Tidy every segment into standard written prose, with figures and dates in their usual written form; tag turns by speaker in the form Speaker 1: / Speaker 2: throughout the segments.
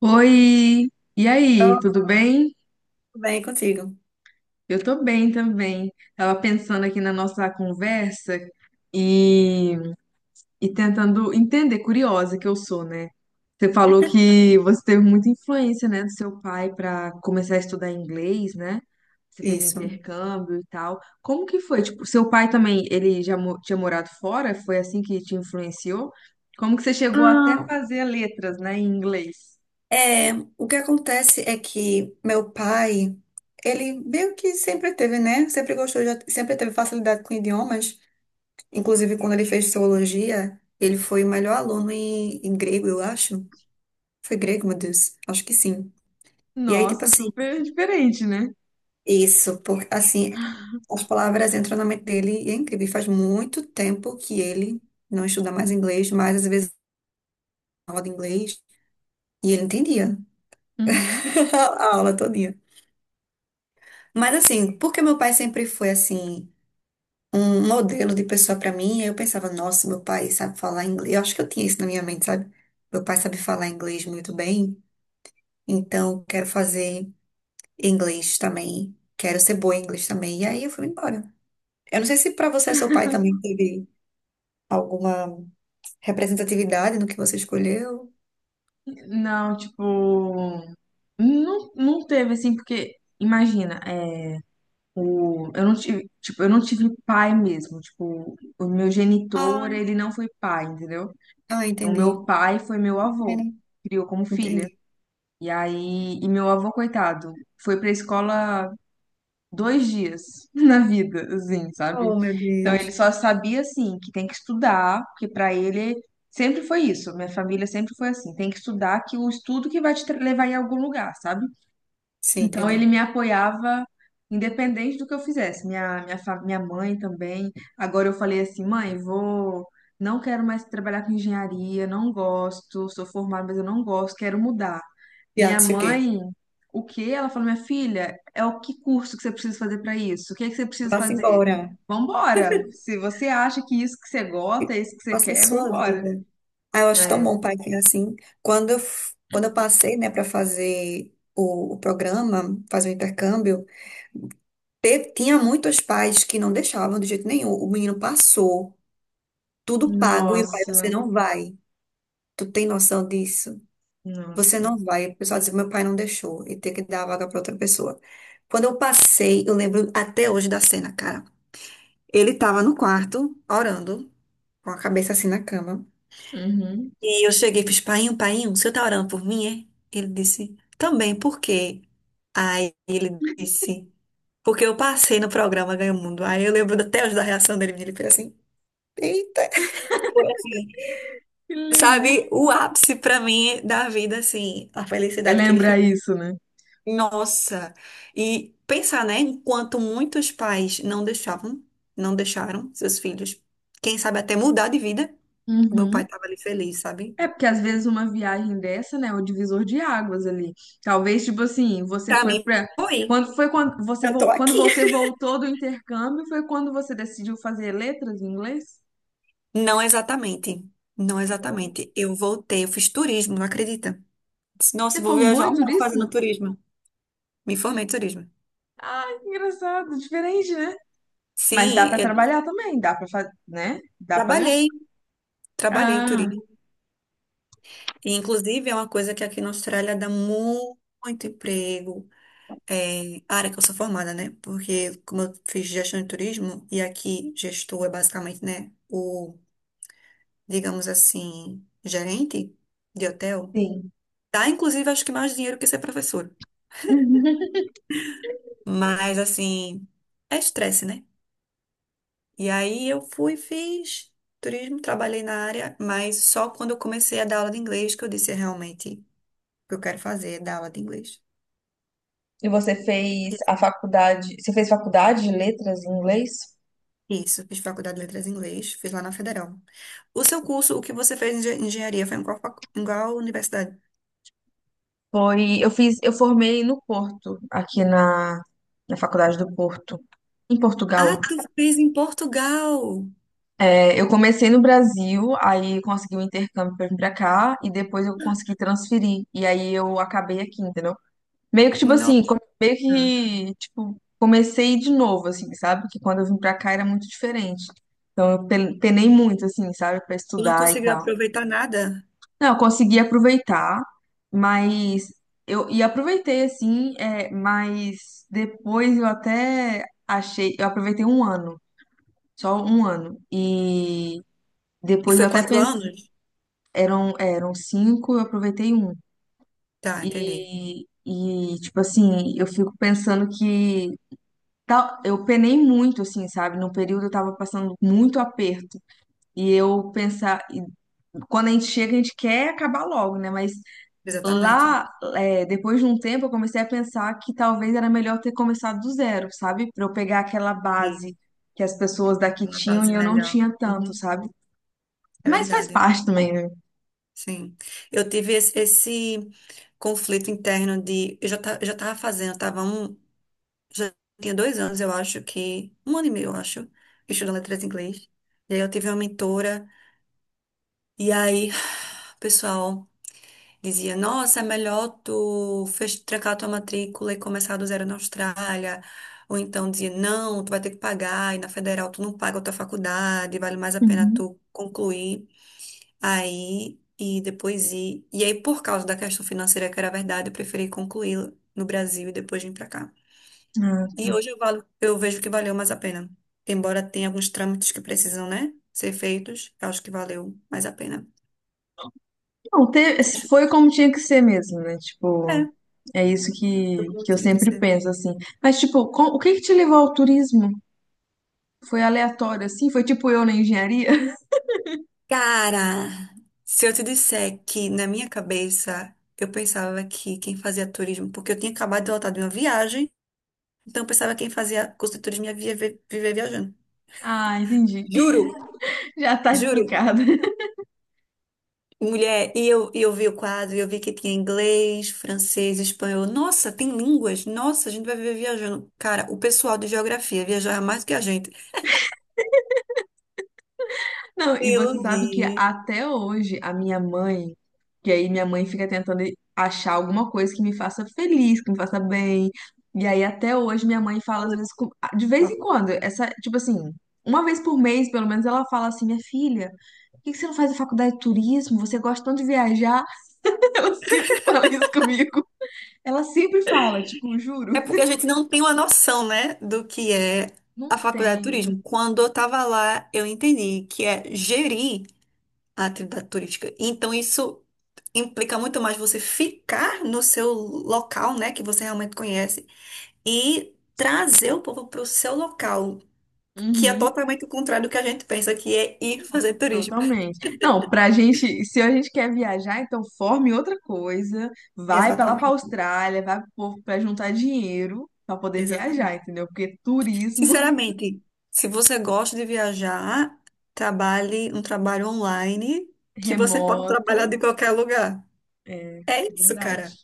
Speaker 1: Oi, e
Speaker 2: Eu
Speaker 1: aí, tudo bem?
Speaker 2: venho contigo.
Speaker 1: Eu tô bem também. Tava pensando aqui na nossa conversa e, e tentando entender, curiosa que eu sou, né? Você falou que você teve muita influência, né, do seu pai para começar a estudar inglês, né? Você fez
Speaker 2: Isso.
Speaker 1: intercâmbio e tal. Como que foi? Tipo, seu pai também, tinha morado fora? Foi assim que te influenciou? Como que você chegou até a
Speaker 2: Ah,
Speaker 1: fazer letras, né, em inglês?
Speaker 2: é, o que acontece é que meu pai, ele meio que sempre teve, né? Sempre gostou, sempre teve facilidade com idiomas. Inclusive, quando ele fez teologia, ele foi o melhor aluno em grego, eu acho. Foi grego, meu Deus. Acho que sim. E aí, tipo
Speaker 1: Nossa,
Speaker 2: assim,
Speaker 1: super diferente, né?
Speaker 2: isso, porque assim, as palavras entram na mente dele e é incrível. E faz muito tempo que ele não estuda mais inglês, mas às vezes aula de inglês e ele entendia.
Speaker 1: Uhum.
Speaker 2: A aula todinha. Mas assim, porque meu pai sempre foi assim, um modelo de pessoa pra mim, eu pensava, nossa, meu pai sabe falar inglês. Eu acho que eu tinha isso na minha mente, sabe? Meu pai sabe falar inglês muito bem, então quero fazer inglês também, quero ser boa em inglês também. E aí eu fui embora. Eu não sei se pra você, seu pai também teve alguma representatividade no que você escolheu.
Speaker 1: Não, tipo, não teve assim, porque imagina, é, eu não tive, tipo, eu não tive pai mesmo, tipo, o meu
Speaker 2: Ah,
Speaker 1: genitor, ele não foi pai, entendeu?
Speaker 2: ah,
Speaker 1: O
Speaker 2: entendi.
Speaker 1: meu pai foi meu
Speaker 2: É,
Speaker 1: avô,
Speaker 2: né?
Speaker 1: criou como filha.
Speaker 2: Entendi.
Speaker 1: E meu avô, coitado, foi pra escola dois dias na vida, assim, sabe?
Speaker 2: Oh, meu
Speaker 1: Então ele
Speaker 2: Deus.
Speaker 1: só sabia assim que tem que estudar, porque pra ele sempre foi isso. Minha família sempre foi assim, tem que estudar que o estudo que levar em algum lugar, sabe?
Speaker 2: Sim,
Speaker 1: Então ele
Speaker 2: entendi.
Speaker 1: me apoiava independente do que eu fizesse. Minha mãe também. Agora eu falei assim, mãe, vou, não quero mais trabalhar com engenharia, não gosto, sou formada, mas eu não gosto, quero mudar. Minha
Speaker 2: Piada, o quê?
Speaker 1: mãe, o quê? Ela falou, minha filha, é o que curso que você precisa fazer para isso? O que é que você precisa
Speaker 2: Vá-se
Speaker 1: fazer?
Speaker 2: embora.
Speaker 1: Vambora! Se você acha que isso que você gosta, é isso que você
Speaker 2: Faça a
Speaker 1: quer,
Speaker 2: sua
Speaker 1: vambora.
Speaker 2: vida. Ah, eu acho tão
Speaker 1: É.
Speaker 2: bom, pai, que é assim. Quando eu, quando eu passei, né, para fazer o programa, fazer o intercâmbio, tinha muitos pais que não deixavam de jeito nenhum. O menino passou, tudo pago, e o pai, você
Speaker 1: Nossa,
Speaker 2: não vai. Tu tem noção disso? Você
Speaker 1: nossa.
Speaker 2: não vai. O pessoal dizia, meu pai não deixou, e ter que dar a vaga para outra pessoa. Quando eu passei, eu lembro até hoje da cena, cara. Ele tava no quarto, orando, com a cabeça assim na cama.
Speaker 1: Uhum.
Speaker 2: E eu cheguei e fiz, painho, painho, o senhor tá orando por mim, é? Ele disse, também, por quê? Aí ele disse, porque eu passei no programa Ganha o Mundo. Aí eu lembro até hoje da reação dele, ele fez assim, eita. Foi assim,
Speaker 1: Que lindo.
Speaker 2: sabe, o ápice pra mim da vida, assim, a
Speaker 1: É
Speaker 2: felicidade que ele
Speaker 1: lembrar
Speaker 2: ficou.
Speaker 1: isso, né?
Speaker 2: Nossa! E pensar, né, enquanto muitos pais não deixavam, não deixaram seus filhos, quem sabe até mudar de vida, o meu
Speaker 1: Uhum.
Speaker 2: pai tava ali feliz, sabe?
Speaker 1: É porque às vezes uma viagem dessa, né, é o divisor de águas ali. Talvez, tipo assim, você
Speaker 2: Pra
Speaker 1: foi
Speaker 2: mim,
Speaker 1: pra.
Speaker 2: foi.
Speaker 1: Quando foi quando
Speaker 2: Eu tô
Speaker 1: quando
Speaker 2: aqui.
Speaker 1: você voltou do intercâmbio, foi quando você decidiu fazer letras em inglês?
Speaker 2: Não exatamente. Não
Speaker 1: Não.
Speaker 2: exatamente. Eu voltei, eu fiz turismo, não acredita? Disse, nossa,
Speaker 1: Você
Speaker 2: vou
Speaker 1: formou
Speaker 2: viajar
Speaker 1: em
Speaker 2: um mundo
Speaker 1: turismo?
Speaker 2: fazendo turismo. Me formei em turismo.
Speaker 1: Ah, que engraçado, diferente, né? Mas dá
Speaker 2: Sim,
Speaker 1: pra
Speaker 2: eu
Speaker 1: trabalhar também, dá pra fazer, né? Dá pra ganhar.
Speaker 2: trabalhei, trabalhei em
Speaker 1: Ah,
Speaker 2: turismo. E, inclusive, é uma coisa que aqui na Austrália dá muito emprego. É, a área que eu sou formada, né? Porque como eu fiz gestão de turismo, e aqui gestor é basicamente, né, o, digamos assim, gerente de hotel,
Speaker 1: sim.
Speaker 2: dá inclusive acho que mais dinheiro que ser professor. Mas assim, é estresse, né? E aí eu fui, fiz turismo, trabalhei na área, mas só quando eu comecei a dar aula de inglês que eu disse: "É realmente o que eu quero fazer, é dar aula de inglês."
Speaker 1: E você fez a faculdade, você fez faculdade de letras em inglês?
Speaker 2: Isso, fiz faculdade de letras em inglês, fiz lá na Federal. O seu curso, o que você fez em engenharia, foi em qual, em qual universidade?
Speaker 1: Foi, eu fiz, eu formei no Porto, na Faculdade do Porto, em
Speaker 2: Ah,
Speaker 1: Portugal.
Speaker 2: tu fez em Portugal!
Speaker 1: É, eu comecei no Brasil, aí consegui o intercâmbio pra vir pra cá, e depois eu consegui transferir. E aí eu acabei aqui, entendeu?
Speaker 2: Nossa,
Speaker 1: Meio que, tipo, comecei de novo, assim, sabe? Que quando eu vim pra cá era muito diferente. Penei muito, assim, sabe? Pra
Speaker 2: tu não
Speaker 1: estudar e
Speaker 2: conseguiu
Speaker 1: tal.
Speaker 2: aproveitar nada?
Speaker 1: Não, eu consegui aproveitar, mas eu aproveitei assim, é, mas depois eu até achei, eu aproveitei um ano, só um ano. E
Speaker 2: E
Speaker 1: depois eu
Speaker 2: foi
Speaker 1: até
Speaker 2: quatro
Speaker 1: pensei,
Speaker 2: anos?
Speaker 1: eram cinco, eu aproveitei um.
Speaker 2: Tá, entendi.
Speaker 1: E tipo assim, eu fico pensando que tal, eu penei muito, assim, sabe? Num período eu tava passando muito aperto. E eu pensar, e quando a gente chega, a gente quer acabar logo, né? Mas
Speaker 2: Exatamente.
Speaker 1: lá, é, depois de um tempo, eu comecei a pensar que talvez era melhor ter começado do zero, sabe? Pra eu pegar aquela
Speaker 2: E
Speaker 1: base que as pessoas daqui
Speaker 2: uma
Speaker 1: tinham
Speaker 2: base
Speaker 1: e eu não
Speaker 2: melhor.
Speaker 1: tinha tanto,
Speaker 2: Uhum,
Speaker 1: sabe?
Speaker 2: é
Speaker 1: Mas faz
Speaker 2: verdade.
Speaker 1: parte também, né?
Speaker 2: Sim, eu tive esse conflito interno de. Eu já, já tava fazendo, eu tava um. Já tinha dois anos, eu acho que. Um ano e meio, eu acho, estudando letras em inglês. E aí eu tive uma mentora, e aí o pessoal dizia: "Nossa, é melhor tu trancar tua matrícula e começar do zero na Austrália." Ou então dizia: "Não, tu vai ter que pagar, e na federal tu não paga a tua faculdade, vale mais a pena
Speaker 1: Uhum.
Speaker 2: tu concluir." Aí, e depois ir. E aí, por causa da questão financeira, que era verdade, eu preferi concluir no Brasil e depois vir pra cá.
Speaker 1: Ah,
Speaker 2: E
Speaker 1: tá.
Speaker 2: hoje eu, eu vejo que valeu mais a pena. Embora tenha alguns trâmites que precisam, né, ser feitos, eu acho que valeu mais a pena.
Speaker 1: Não, te- foi como tinha que ser mesmo, né?
Speaker 2: É,
Speaker 1: Tipo, é isso
Speaker 2: foi
Speaker 1: que,
Speaker 2: como
Speaker 1: que eu
Speaker 2: tinha que
Speaker 1: sempre
Speaker 2: ser.
Speaker 1: penso, assim. Mas, tipo, o que que te levou ao turismo? Foi aleatório, assim? Foi tipo eu na engenharia?
Speaker 2: Cara, se eu te disser que na minha cabeça eu pensava que quem fazia turismo, porque eu tinha acabado de voltar de uma viagem, então eu pensava que quem fazia curso de turismo ia viver, viver viajando.
Speaker 1: Ah, entendi.
Speaker 2: Juro,
Speaker 1: Já tá
Speaker 2: juro.
Speaker 1: explicado.
Speaker 2: Mulher, e eu vi o quadro, e eu vi que tinha inglês, francês, espanhol. Nossa, tem línguas? Nossa, a gente vai viver viajando. Cara, o pessoal de geografia viaja mais do que a gente.
Speaker 1: Não, e você
Speaker 2: Meu
Speaker 1: sabe que
Speaker 2: Deus.
Speaker 1: até hoje a minha mãe, que aí minha mãe fica tentando achar alguma coisa que me faça feliz, que me faça bem. E aí até hoje minha mãe fala às vezes, de vez em quando, essa, tipo assim, uma vez por mês, pelo menos ela fala assim, minha filha, por que que você não faz a faculdade de turismo? Você gosta tanto de viajar? Ela sempre fala isso comigo. Ela sempre fala, tipo,
Speaker 2: É
Speaker 1: juro,
Speaker 2: porque a gente não tem uma noção, né, do que é a
Speaker 1: não
Speaker 2: faculdade de
Speaker 1: tenho.
Speaker 2: turismo. Quando eu estava lá, eu entendi que é gerir a atividade turística. Então, isso implica muito mais você ficar no seu local, né, que você realmente conhece, e trazer o povo para o seu local. Que é
Speaker 1: Uhum.
Speaker 2: totalmente o contrário do que a gente pensa, que é ir fazer turismo.
Speaker 1: Totalmente. Não, pra gente, se a gente quer viajar, então forme outra coisa, vai pra lá pra
Speaker 2: Exatamente,
Speaker 1: Austrália, vai pro povo pra juntar dinheiro pra poder
Speaker 2: exatamente.
Speaker 1: viajar, entendeu? Porque turismo
Speaker 2: Sinceramente, se você gosta de viajar, trabalhe um trabalho online que você pode
Speaker 1: remoto
Speaker 2: trabalhar de qualquer lugar.
Speaker 1: é
Speaker 2: É
Speaker 1: é
Speaker 2: isso,
Speaker 1: verdade,
Speaker 2: cara.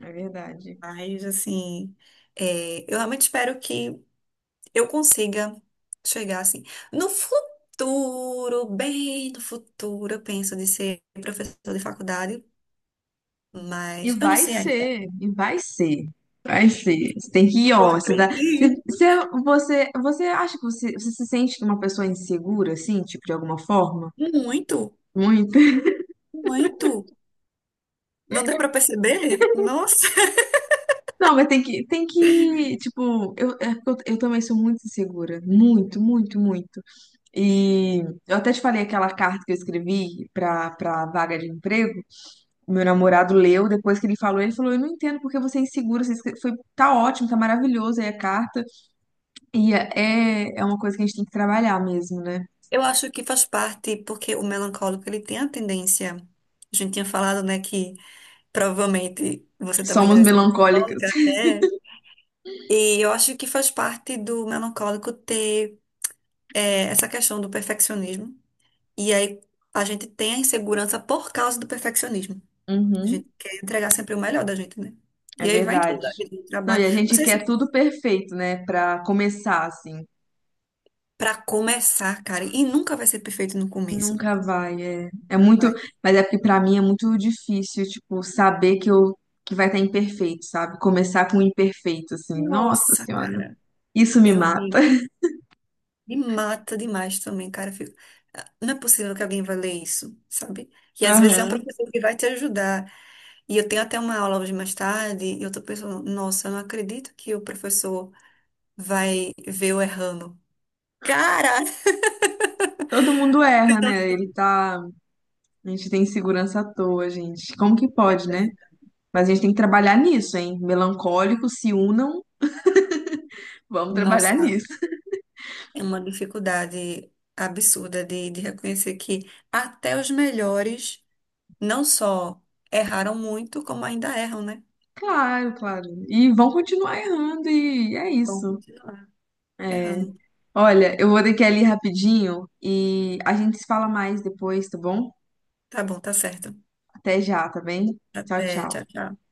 Speaker 1: é verdade.
Speaker 2: Mas, assim, é, eu realmente espero que eu consiga chegar, assim, no futuro, bem no futuro, eu penso de ser professor de faculdade,
Speaker 1: E
Speaker 2: mas eu não
Speaker 1: vai
Speaker 2: sei ainda.
Speaker 1: ser, e vai ser, vai ser. Você tem que ir,
Speaker 2: Eu
Speaker 1: ó, você dá, se,
Speaker 2: acredito
Speaker 1: se você, você acha que você, você se sente uma pessoa insegura, assim, tipo, de alguma forma?
Speaker 2: muito.
Speaker 1: Muito?
Speaker 2: Muito. Não deu para perceber? Nossa.
Speaker 1: Não, mas tem que, tipo, eu, é porque eu também sou muito insegura, muito, muito, muito. E eu até te falei aquela carta que eu escrevi pra vaga de emprego, meu namorado leu, depois que ele falou, eu não entendo porque você é insegura, você escre- foi, tá ótimo, tá maravilhoso aí a carta, e é, é uma coisa que a gente tem que trabalhar mesmo, né?
Speaker 2: Eu acho que faz parte, porque o melancólico, ele tem a tendência. A gente tinha falado, né, que provavelmente você também
Speaker 1: Somos
Speaker 2: deve ser
Speaker 1: melancólicas.
Speaker 2: melancólica. É. E eu acho que faz parte do melancólico ter é, essa questão do perfeccionismo. E aí a gente tem a insegurança por causa do perfeccionismo. A
Speaker 1: Uhum,
Speaker 2: gente quer entregar sempre o melhor da gente, né?
Speaker 1: é
Speaker 2: E aí vai em tudo
Speaker 1: verdade.
Speaker 2: da vida, no
Speaker 1: Não, e
Speaker 2: trabalho.
Speaker 1: a
Speaker 2: Não
Speaker 1: gente
Speaker 2: sei
Speaker 1: quer
Speaker 2: se
Speaker 1: tudo perfeito, né, pra começar, assim.
Speaker 2: para começar, cara, e nunca vai ser perfeito no começo.
Speaker 1: Nunca vai, é. É
Speaker 2: Nunca
Speaker 1: muito,
Speaker 2: vai.
Speaker 1: mas é porque pra mim é muito difícil, tipo, saber que eu que vai estar imperfeito, sabe? Começar com o imperfeito, assim. Nossa
Speaker 2: Nossa,
Speaker 1: Senhora,
Speaker 2: cara,
Speaker 1: isso me
Speaker 2: é
Speaker 1: mata.
Speaker 2: horrível. Me mata demais também, cara. Eu fico, "Ah, não é possível que alguém vai ler isso, sabe? E às vezes é um
Speaker 1: Aham.
Speaker 2: professor que vai te ajudar. E eu tenho até uma aula hoje mais tarde, e eu tô pensando, nossa, eu não acredito que o professor vai ver eu errando. Cara,
Speaker 1: Todo mundo erra, né?
Speaker 2: você
Speaker 1: Ele tá, a gente tem insegurança à toa, gente. Como que pode, né?
Speaker 2: não-
Speaker 1: Mas a gente tem que trabalhar nisso, hein? Melancólicos se unam, vamos trabalhar
Speaker 2: nossa,
Speaker 1: nisso.
Speaker 2: é uma dificuldade absurda de reconhecer que até os melhores não só erraram muito, como ainda erram, né?
Speaker 1: Claro, claro. E vão continuar errando e é
Speaker 2: Vão
Speaker 1: isso.
Speaker 2: continuar
Speaker 1: É.
Speaker 2: errando.
Speaker 1: Olha, eu vou ter que ir ali rapidinho e a gente se fala mais depois, tá bom?
Speaker 2: Tá bom, tá certo.
Speaker 1: Até já, tá bem? Tchau,
Speaker 2: Até, tchau,
Speaker 1: tchau.
Speaker 2: tchau.